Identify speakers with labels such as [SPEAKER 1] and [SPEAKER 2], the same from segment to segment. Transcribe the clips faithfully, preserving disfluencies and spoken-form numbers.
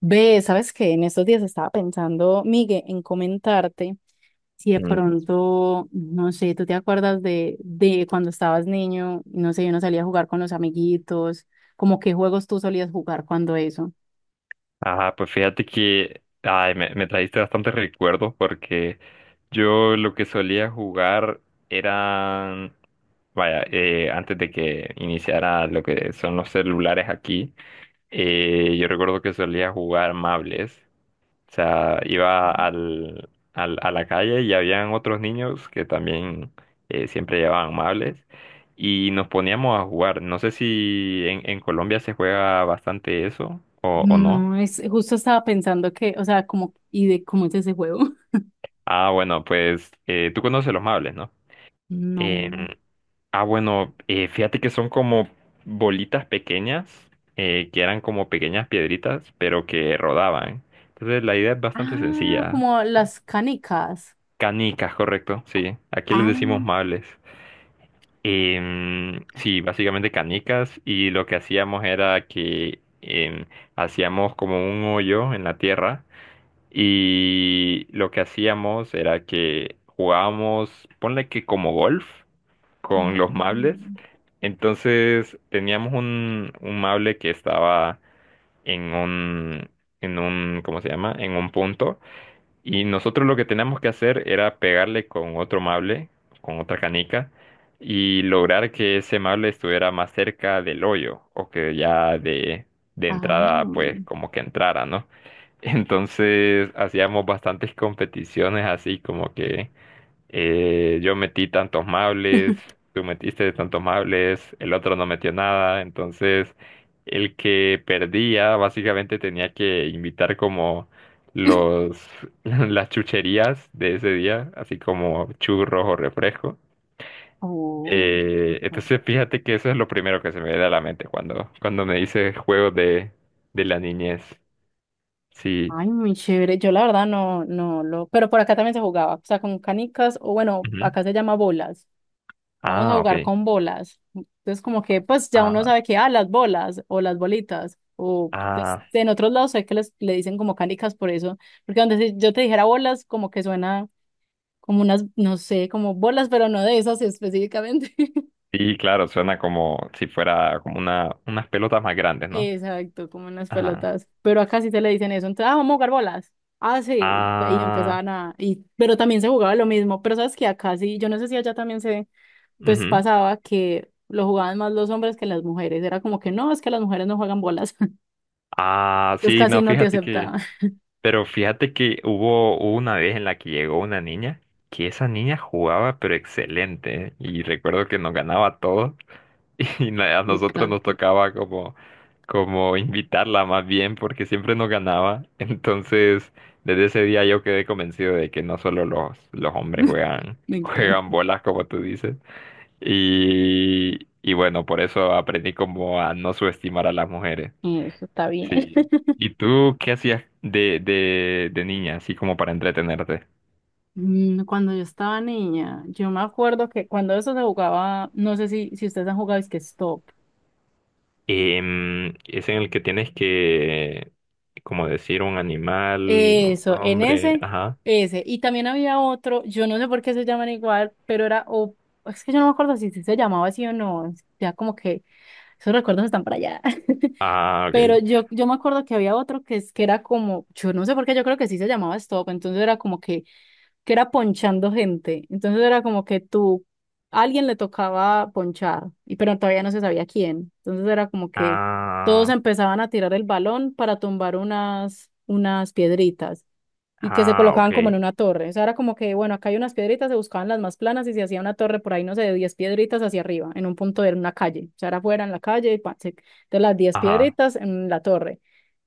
[SPEAKER 1] Ve, sabes que en estos días estaba pensando, Miguel, en comentarte si de
[SPEAKER 2] Mm.
[SPEAKER 1] pronto, no sé, tú te acuerdas de, de cuando estabas niño, no sé, uno salía a jugar con los amiguitos, como qué juegos tú solías jugar cuando eso.
[SPEAKER 2] Ajá, pues fíjate que ay, me, me trajiste bastantes recuerdos porque yo lo que solía jugar eran, vaya, eh, antes de que iniciara lo que son los celulares aquí. Eh, yo recuerdo que solía jugar mables. O sea, iba al, al- a la calle y habían otros niños que también eh, siempre llevaban mables y nos poníamos a jugar. No sé si en, en Colombia se juega bastante eso o o no.
[SPEAKER 1] No, es justo estaba pensando que, o sea, como, ¿y de cómo es ese juego?
[SPEAKER 2] Ah, bueno, pues eh, tú conoces los mables, ¿no? Em,
[SPEAKER 1] No.
[SPEAKER 2] ah, bueno, eh, fíjate que son como bolitas pequeñas, eh, que eran como pequeñas piedritas, pero que rodaban. Entonces la idea es bastante
[SPEAKER 1] Ah,
[SPEAKER 2] sencilla.
[SPEAKER 1] como las canicas.
[SPEAKER 2] Canicas, correcto, sí. Aquí les
[SPEAKER 1] Ah,
[SPEAKER 2] decimos mables. Em, sí, básicamente canicas y lo que hacíamos era que em, hacíamos como un hoyo en la tierra. Y lo que hacíamos era que jugábamos, ponle que como golf, con
[SPEAKER 1] oh,
[SPEAKER 2] los mables. Entonces teníamos un, un mable que estaba en un, en un, ¿cómo se llama? En un punto. Y nosotros lo que teníamos que hacer era pegarle con otro mable, con otra canica, y lograr que ese mable estuviera más cerca del hoyo, o que ya de, de entrada, pues,
[SPEAKER 1] ah.
[SPEAKER 2] como que entrara, ¿no? Entonces hacíamos bastantes competiciones así como que eh, yo metí tantos mables, tú metiste tantos mables, el otro no metió nada, entonces el que perdía básicamente tenía que invitar como los las chucherías de ese día, así como churros o refresco.
[SPEAKER 1] Oh,
[SPEAKER 2] Eh,
[SPEAKER 1] ok.
[SPEAKER 2] entonces fíjate que eso es lo primero que se me viene a la mente cuando, cuando me dice juegos de, de la niñez. Sí.
[SPEAKER 1] Ay, muy chévere. Yo la verdad no, no lo, pero por acá también se jugaba, o sea, con canicas, o bueno,
[SPEAKER 2] Ujú.
[SPEAKER 1] acá se llama bolas. Vamos a
[SPEAKER 2] Ah,
[SPEAKER 1] jugar
[SPEAKER 2] ok.
[SPEAKER 1] con bolas. Entonces, como que, pues ya uno
[SPEAKER 2] Ah,
[SPEAKER 1] sabe que, ah, las bolas o las bolitas, o pues,
[SPEAKER 2] ah,
[SPEAKER 1] en otros lados sé que les, le dicen como canicas por eso, porque donde si yo te dijera bolas, como que suena como unas, no sé, como bolas, pero no de esas específicamente.
[SPEAKER 2] sí, claro, suena como si fuera como una, unas pelotas más grandes, ¿no?
[SPEAKER 1] Exacto, como en las
[SPEAKER 2] Ajá.
[SPEAKER 1] pelotas. Pero acá sí se le dicen eso. Entonces, ah, vamos a jugar bolas. Ah, sí. Y
[SPEAKER 2] Ah,
[SPEAKER 1] empezaban a. Y, pero también se jugaba lo mismo. Pero sabes que acá sí, yo no sé si allá también se, pues
[SPEAKER 2] ujú.
[SPEAKER 1] pasaba que lo jugaban más los hombres que las mujeres. Era como que no, es que las mujeres no juegan bolas.
[SPEAKER 2] Ah,
[SPEAKER 1] Entonces
[SPEAKER 2] sí,
[SPEAKER 1] casi
[SPEAKER 2] no,
[SPEAKER 1] no te
[SPEAKER 2] fíjate que,
[SPEAKER 1] aceptaban.
[SPEAKER 2] pero fíjate que hubo hubo una vez en la que llegó una niña, que esa niña jugaba pero excelente, ¿eh? Y recuerdo que nos ganaba todo. Y na- a
[SPEAKER 1] Me
[SPEAKER 2] nosotros nos
[SPEAKER 1] encanta.
[SPEAKER 2] tocaba como, como invitarla más bien porque siempre nos ganaba. Entonces, desde ese día yo quedé convencido de que no solo los, los hombres juegan,
[SPEAKER 1] Me encanta.
[SPEAKER 2] juegan bolas, como tú dices. Y, y bueno, por eso aprendí como a no subestimar a las mujeres.
[SPEAKER 1] Eso está bien.
[SPEAKER 2] Sí. ¿Y tú qué hacías de, de, de niña, así como para entretenerte?
[SPEAKER 1] Mm, Cuando yo estaba niña, yo me acuerdo que cuando eso se jugaba, no sé si, si ustedes han jugado, es que stop.
[SPEAKER 2] Em, es en el que tienes que, como decir, un animal, un
[SPEAKER 1] Eso, en
[SPEAKER 2] hombre,
[SPEAKER 1] ese,
[SPEAKER 2] ajá.
[SPEAKER 1] ese. Y también había otro, yo no sé por qué se llaman igual, pero era, o es que yo no me acuerdo si sí se llamaba así o no. Ya como que esos recuerdos están para allá.
[SPEAKER 2] Ah,
[SPEAKER 1] Pero
[SPEAKER 2] ok.
[SPEAKER 1] yo, yo me acuerdo que había otro que es que era como, yo no sé por qué, yo creo que sí se llamaba Stop, entonces era como que, que era ponchando gente. Entonces era como que tú, a alguien le tocaba ponchar, y pero todavía no se sabía quién. Entonces era como que todos
[SPEAKER 2] Ah,
[SPEAKER 1] empezaban a tirar el balón para tumbar unas, unas piedritas y que se
[SPEAKER 2] ah,
[SPEAKER 1] colocaban
[SPEAKER 2] ok.
[SPEAKER 1] como en una torre. O sea, era como que, bueno, acá hay unas piedritas, se buscaban las más planas y se hacía una torre por ahí, no sé, de diez piedritas hacia arriba, en un punto de una calle. O sea, era afuera en la calle, y pa, se- de las diez
[SPEAKER 2] Ajá.
[SPEAKER 1] piedritas en la torre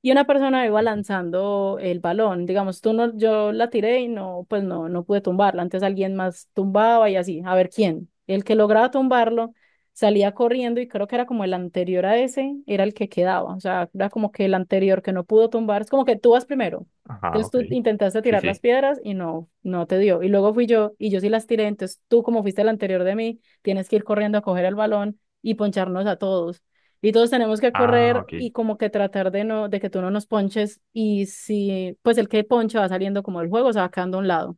[SPEAKER 1] y una persona iba
[SPEAKER 2] Sí, sí.
[SPEAKER 1] lanzando el balón. Digamos, tú no, yo la tiré y no, pues no, no pude tumbarla. Antes alguien más tumbaba y así, a ver quién. El que lograba tumbarlo salía corriendo y creo que era como el anterior a ese, era el que quedaba. O sea, era como que el anterior que no pudo tumbar, es como que tú vas primero.
[SPEAKER 2] Ajá,
[SPEAKER 1] Entonces
[SPEAKER 2] ok.
[SPEAKER 1] tú intentaste
[SPEAKER 2] Sí,
[SPEAKER 1] tirar las
[SPEAKER 2] sí.
[SPEAKER 1] piedras y no, no te dio. Y luego fui yo y yo sí las tiré. Entonces tú, como fuiste el anterior de mí, tienes que ir corriendo a coger el balón y poncharnos a todos y todos tenemos que
[SPEAKER 2] Ah,
[SPEAKER 1] correr
[SPEAKER 2] ok.
[SPEAKER 1] y como que tratar de no, de que tú no nos ponches y si, pues el que ponche va saliendo como del juego, se va quedando a un lado.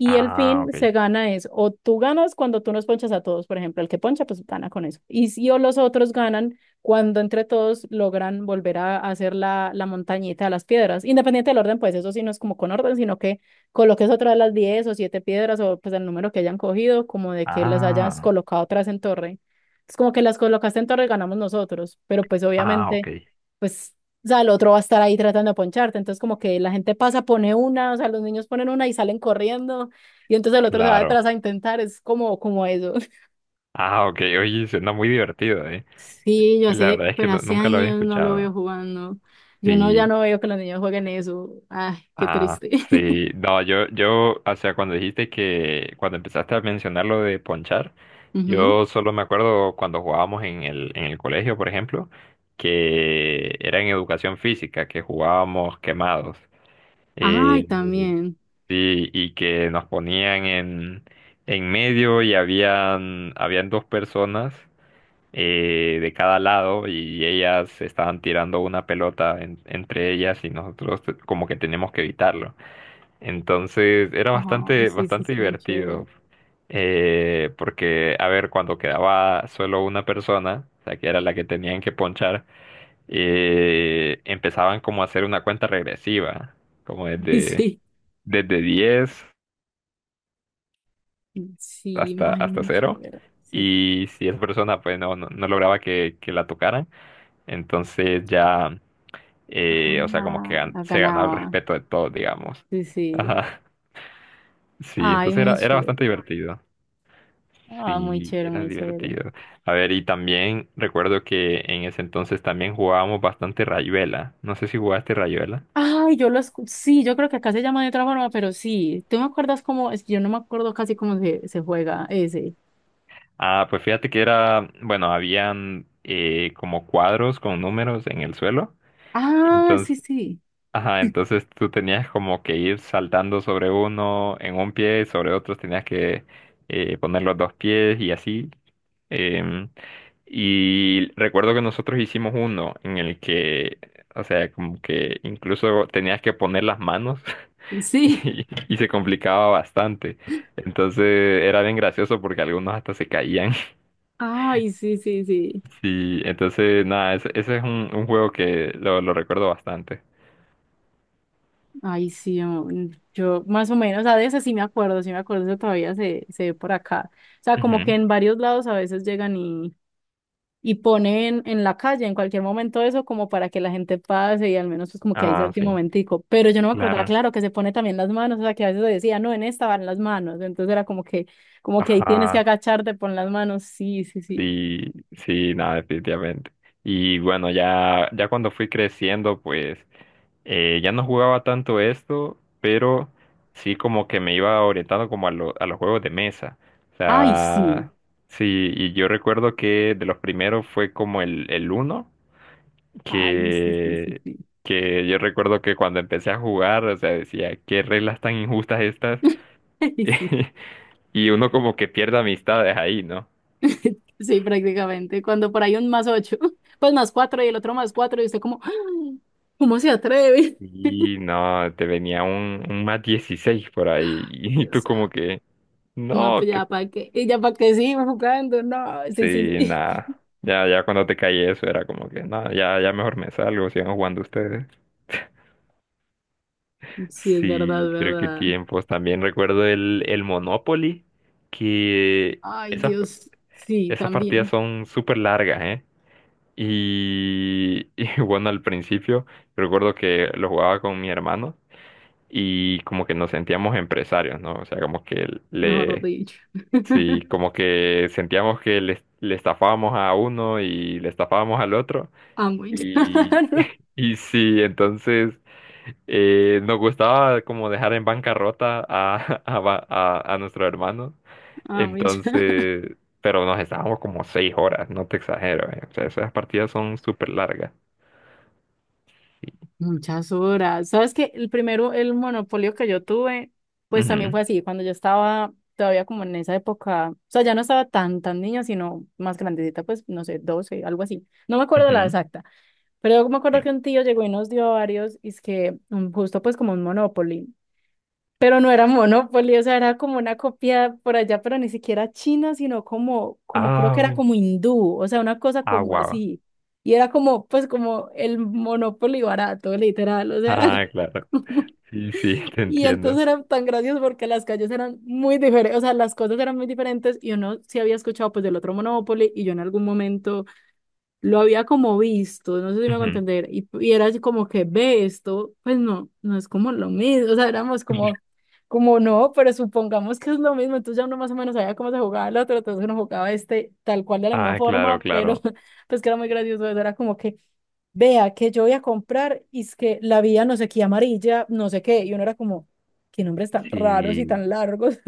[SPEAKER 1] Y el
[SPEAKER 2] Ah,
[SPEAKER 1] fin
[SPEAKER 2] ok.
[SPEAKER 1] se gana es, o tú ganas cuando tú nos ponchas a todos, por ejemplo, el que poncha, pues gana con eso. Y si o los otros ganan cuando entre todos logran volver a hacer la, la montañita de las piedras, independiente del orden, pues eso sí no es como con orden, sino que coloques otra de las diez o siete piedras o pues el número que hayan cogido, como de que las hayas
[SPEAKER 2] Ah,
[SPEAKER 1] colocado atrás en torre. Es como que las colocaste en torre, ganamos nosotros, pero pues
[SPEAKER 2] ah,
[SPEAKER 1] obviamente
[SPEAKER 2] ok.
[SPEAKER 1] pues, o sea, el otro va a estar ahí tratando de poncharte. Entonces, como que la gente pasa, pone una, o sea, los niños ponen una y salen corriendo, y entonces el otro se va
[SPEAKER 2] Claro.
[SPEAKER 1] detrás a intentar, es como, como eso.
[SPEAKER 2] Ah, ok. Oye, suena muy divertido, ¿eh?
[SPEAKER 1] Sí, yo
[SPEAKER 2] La
[SPEAKER 1] sé,
[SPEAKER 2] verdad es que
[SPEAKER 1] pero
[SPEAKER 2] nu-
[SPEAKER 1] hace
[SPEAKER 2] nunca lo había
[SPEAKER 1] años no lo veo
[SPEAKER 2] escuchado.
[SPEAKER 1] jugando. Yo no, ya
[SPEAKER 2] Sí.
[SPEAKER 1] no veo que los niños jueguen eso. Ay, qué
[SPEAKER 2] Ah,
[SPEAKER 1] triste.
[SPEAKER 2] sí. No, yo, yo, o sea, cuando dijiste que, cuando empezaste a mencionar lo de ponchar,
[SPEAKER 1] Ujú.
[SPEAKER 2] yo solo me acuerdo cuando jugábamos en el, en el colegio, por ejemplo, que era en educación física, que jugábamos quemados.
[SPEAKER 1] Ay,
[SPEAKER 2] Eh,
[SPEAKER 1] también.
[SPEAKER 2] sí, y que nos ponían en, en medio y habían, habían dos personas eh, de cada lado y ellas estaban tirando una pelota en- entre ellas y nosotros como que teníamos que evitarlo. Entonces era
[SPEAKER 1] Ay,
[SPEAKER 2] bastante,
[SPEAKER 1] sí, sí,
[SPEAKER 2] bastante
[SPEAKER 1] es muy chévere.
[SPEAKER 2] divertido. Eh, porque, a ver, cuando quedaba solo una persona, o sea, que era la que tenían que ponchar, eh, empezaban como a hacer una cuenta regresiva, como desde,
[SPEAKER 1] Sí,
[SPEAKER 2] desde diez
[SPEAKER 1] sí,
[SPEAKER 2] hasta,
[SPEAKER 1] ay,
[SPEAKER 2] hasta
[SPEAKER 1] muy
[SPEAKER 2] cero.
[SPEAKER 1] chévere. Sí, sí.
[SPEAKER 2] Y si esa persona pues no, no, no lograba que, que la tocaran, entonces ya, eh, o sea, como que
[SPEAKER 1] Ah,
[SPEAKER 2] gan-
[SPEAKER 1] la
[SPEAKER 2] se ganaba el
[SPEAKER 1] ganaba.
[SPEAKER 2] respeto de todos, digamos.
[SPEAKER 1] Sí, sí.
[SPEAKER 2] Ajá. Sí,
[SPEAKER 1] Ay,
[SPEAKER 2] entonces
[SPEAKER 1] muy
[SPEAKER 2] era, era
[SPEAKER 1] chévere.
[SPEAKER 2] bastante divertido.
[SPEAKER 1] Ah, muy
[SPEAKER 2] Sí,
[SPEAKER 1] chévere,
[SPEAKER 2] era
[SPEAKER 1] muy chévere.
[SPEAKER 2] divertido. A ver, y también recuerdo que en ese entonces también jugábamos bastante Rayuela. No sé si jugaste Rayuela.
[SPEAKER 1] Ay, yo lo escuché. Sí, yo creo que acá se llama de otra forma, pero sí. ¿Tú me acuerdas cómo? Es que yo no me acuerdo casi cómo se, se juega ese.
[SPEAKER 2] Ah, pues fíjate que era, bueno, habían eh, como cuadros con números en el suelo.
[SPEAKER 1] Ah, sí,
[SPEAKER 2] Entonces,
[SPEAKER 1] sí.
[SPEAKER 2] ajá, entonces tú tenías como que ir saltando sobre uno en un pie, sobre otro tenías que eh, poner los dos pies y así. Em, Y recuerdo que nosotros hicimos uno en el que, o sea, como que incluso tenías que poner las manos
[SPEAKER 1] Sí.
[SPEAKER 2] y, y se complicaba bastante. Entonces era bien gracioso porque algunos hasta se caían.
[SPEAKER 1] Ay, sí, sí, sí.
[SPEAKER 2] Sí, entonces nada, ese, ese es un, un juego que lo, lo recuerdo bastante.
[SPEAKER 1] Ay, sí, yo, yo más o menos, a veces sí me acuerdo, sí me acuerdo, eso todavía se, se ve por acá. O sea, como que
[SPEAKER 2] Ujú.
[SPEAKER 1] en varios lados a veces llegan y ponen en la calle en cualquier momento eso como para que la gente pase y al menos pues como que ahí
[SPEAKER 2] Ah,
[SPEAKER 1] salte un
[SPEAKER 2] sí,
[SPEAKER 1] momentico. Pero yo no me acordaba,
[SPEAKER 2] claro.
[SPEAKER 1] claro, que se pone también las manos, o sea, que a veces decía, no, en esta van las manos. Entonces era como que, como que ahí tienes que
[SPEAKER 2] Ajá,
[SPEAKER 1] agacharte, pon las manos. Sí, sí, sí.
[SPEAKER 2] sí, sí, nada, definitivamente. Y bueno, ya, ya cuando fui creciendo, pues... Eh, ya no jugaba tanto esto, pero sí como que me iba orientando como a, lo- a los juegos de mesa. O
[SPEAKER 1] Ay, sí.
[SPEAKER 2] sea, sí, y yo recuerdo que de los primeros fue como el, el Uno,
[SPEAKER 1] Ay, sí, sí, sí,
[SPEAKER 2] que,
[SPEAKER 1] sí.
[SPEAKER 2] que yo recuerdo que cuando empecé a jugar, o sea, decía, qué reglas tan injustas estas.
[SPEAKER 1] Ay, sí,
[SPEAKER 2] Y uno como que pierde amistades ahí, ¿no?
[SPEAKER 1] sí, prácticamente. Cuando por ahí un más ocho, pues más cuatro y el otro más cuatro, y usted como, ¡ah! ¿Cómo se atreve?
[SPEAKER 2] Y no, te venía un, un más dieciséis por ahí, y
[SPEAKER 1] Dios
[SPEAKER 2] tú como
[SPEAKER 1] santo.
[SPEAKER 2] que...
[SPEAKER 1] No,
[SPEAKER 2] No,
[SPEAKER 1] pues
[SPEAKER 2] que
[SPEAKER 1] ya para qué, y ya para qué sigo jugando, no, sí, sí,
[SPEAKER 2] sí,
[SPEAKER 1] sí.
[SPEAKER 2] nada. Ya, ya cuando te caí eso era como que, nada, ya, ya mejor me salgo, sigan jugando ustedes.
[SPEAKER 1] Sí, es verdad,
[SPEAKER 2] Sí, creo que
[SPEAKER 1] verdad.
[SPEAKER 2] tiempos. También recuerdo el, el Monopoly, que
[SPEAKER 1] Ay,
[SPEAKER 2] esas,
[SPEAKER 1] Dios. Sí,
[SPEAKER 2] esas partidas
[SPEAKER 1] también.
[SPEAKER 2] son súper largas, ¿eh? Y, y bueno, al principio recuerdo que lo jugaba con mi hermano y como que nos sentíamos empresarios, ¿no? O sea, como que
[SPEAKER 1] Mejor
[SPEAKER 2] le,
[SPEAKER 1] dicho.
[SPEAKER 2] sí, como que sentíamos que le, le estafábamos a uno y le estafábamos al otro.
[SPEAKER 1] Amo y
[SPEAKER 2] Y,
[SPEAKER 1] llorar.
[SPEAKER 2] y sí, entonces eh, nos gustaba como dejar en bancarrota a, a, ba- a, a nuestro hermano.
[SPEAKER 1] Amo y llorar.
[SPEAKER 2] Entonces, pero nos estábamos como seis horas, no te exagero, eh. O sea, esas partidas son súper largas. Sí.
[SPEAKER 1] Muchas horas. ¿Sabes qué? El primero, el monopolio que yo tuve, pues también
[SPEAKER 2] Ujú,
[SPEAKER 1] fue así, cuando yo estaba todavía como en esa época, o sea, ya no estaba tan, tan niña, sino más grandecita, pues, no sé, doce, algo así. No me acuerdo la
[SPEAKER 2] ujú,
[SPEAKER 1] exacta, pero yo me acuerdo
[SPEAKER 2] sí.
[SPEAKER 1] que un tío llegó y nos dio varios, y es que mm, justo pues como un monopolio. Pero no era Monopoly, o sea, era como una copia por allá, pero ni siquiera china, sino como, como creo que
[SPEAKER 2] Ah,
[SPEAKER 1] era
[SPEAKER 2] bueno.
[SPEAKER 1] como hindú, o sea, una cosa
[SPEAKER 2] Ah,
[SPEAKER 1] como
[SPEAKER 2] guau.
[SPEAKER 1] así. Y era como, pues como el Monopoly barato, literal, o sea, era
[SPEAKER 2] Ah,
[SPEAKER 1] como...
[SPEAKER 2] claro. Sí, sí, te
[SPEAKER 1] Y entonces
[SPEAKER 2] entiendo.
[SPEAKER 1] eran tan graciosos porque las calles eran muy diferentes, o sea, las cosas eran muy diferentes y uno sí había escuchado pues del otro Monopoly y yo en algún momento lo había como visto, no sé si me hago
[SPEAKER 2] Ujú.
[SPEAKER 1] entender, y, y era así como que ve esto, pues no, no es como lo mismo, o sea, éramos como, como, no, pero supongamos que es lo mismo, entonces ya uno más o menos sabía cómo se jugaba el otro, entonces uno jugaba este tal cual de la misma
[SPEAKER 2] Ah, claro,
[SPEAKER 1] forma, pero
[SPEAKER 2] claro.
[SPEAKER 1] pues que era muy gracioso, eso era como que vea que yo voy a comprar y es que la vía no sé qué amarilla, no sé qué, y uno era como, qué nombres tan raros y
[SPEAKER 2] Sí,
[SPEAKER 1] tan largos.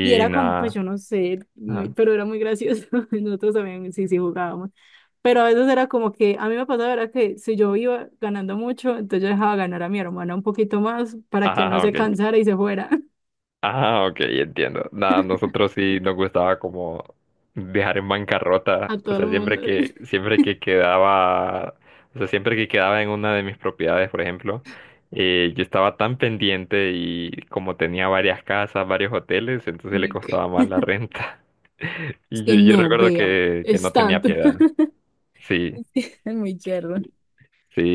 [SPEAKER 1] Y era como, pues
[SPEAKER 2] nada.
[SPEAKER 1] yo no sé, muy-
[SPEAKER 2] Ah,
[SPEAKER 1] pero era muy gracioso. Nosotros también sí, sí jugábamos. Pero a veces era como que a mí me pasaba era que si yo iba ganando mucho, entonces yo dejaba ganar a mi hermana un poquito más para que no
[SPEAKER 2] ah,
[SPEAKER 1] se
[SPEAKER 2] ok.
[SPEAKER 1] cansara y se fuera
[SPEAKER 2] Ah, ok, entiendo. Nada, nosotros sí nos gustaba como dejar en bancarrota,
[SPEAKER 1] a
[SPEAKER 2] o
[SPEAKER 1] todo el
[SPEAKER 2] sea,
[SPEAKER 1] mundo.
[SPEAKER 2] siempre que, siempre que quedaba, o sea, siempre que quedaba en una de mis propiedades, por ejemplo, eh, yo estaba tan pendiente y como tenía varias casas, varios hoteles, entonces le
[SPEAKER 1] Ve que-
[SPEAKER 2] costaba más la renta.
[SPEAKER 1] Es
[SPEAKER 2] Y yo,
[SPEAKER 1] que
[SPEAKER 2] yo
[SPEAKER 1] no,
[SPEAKER 2] recuerdo
[SPEAKER 1] vea,
[SPEAKER 2] que, que
[SPEAKER 1] es
[SPEAKER 2] no tenía
[SPEAKER 1] tanto.
[SPEAKER 2] piedad. Sí,
[SPEAKER 1] Es que es muy cherro.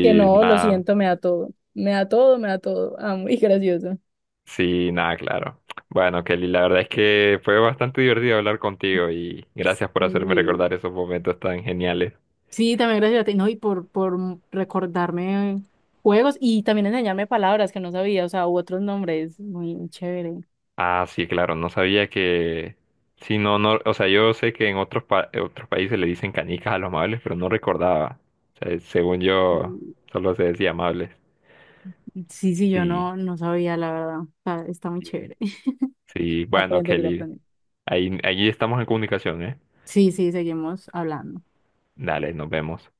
[SPEAKER 1] Que no, lo
[SPEAKER 2] nada.
[SPEAKER 1] siento, me da todo. Me da todo, me da todo. Ah, muy gracioso.
[SPEAKER 2] Sí, nada, claro. Bueno, Kelly, la verdad es que fue bastante divertido hablar contigo y gracias por hacerme
[SPEAKER 1] Sí.
[SPEAKER 2] recordar esos momentos tan geniales.
[SPEAKER 1] Sí, también gracias a ti, ¿no? Y por, por recordarme juegos y también enseñarme palabras que no sabía, o sea, u otros nombres, muy, muy chévere.
[SPEAKER 2] Ah, sí, claro, no sabía que... Sí, no, no, o sea, yo sé que en otros, pa- en otros países le dicen canicas a los amables, pero no recordaba. O sea, según yo,
[SPEAKER 1] Y-
[SPEAKER 2] solo se decía amables.
[SPEAKER 1] Sí, sí, yo
[SPEAKER 2] Sí,
[SPEAKER 1] no, no sabía, la verdad. O sea, está muy
[SPEAKER 2] sí,
[SPEAKER 1] chévere.
[SPEAKER 2] sí. Bueno,
[SPEAKER 1] Aprender y
[SPEAKER 2] Kelly,
[SPEAKER 1] aprender.
[SPEAKER 2] ahí, ahí estamos en comunicación, ¿eh?
[SPEAKER 1] Sí, sí, seguimos hablando.
[SPEAKER 2] Dale, nos vemos.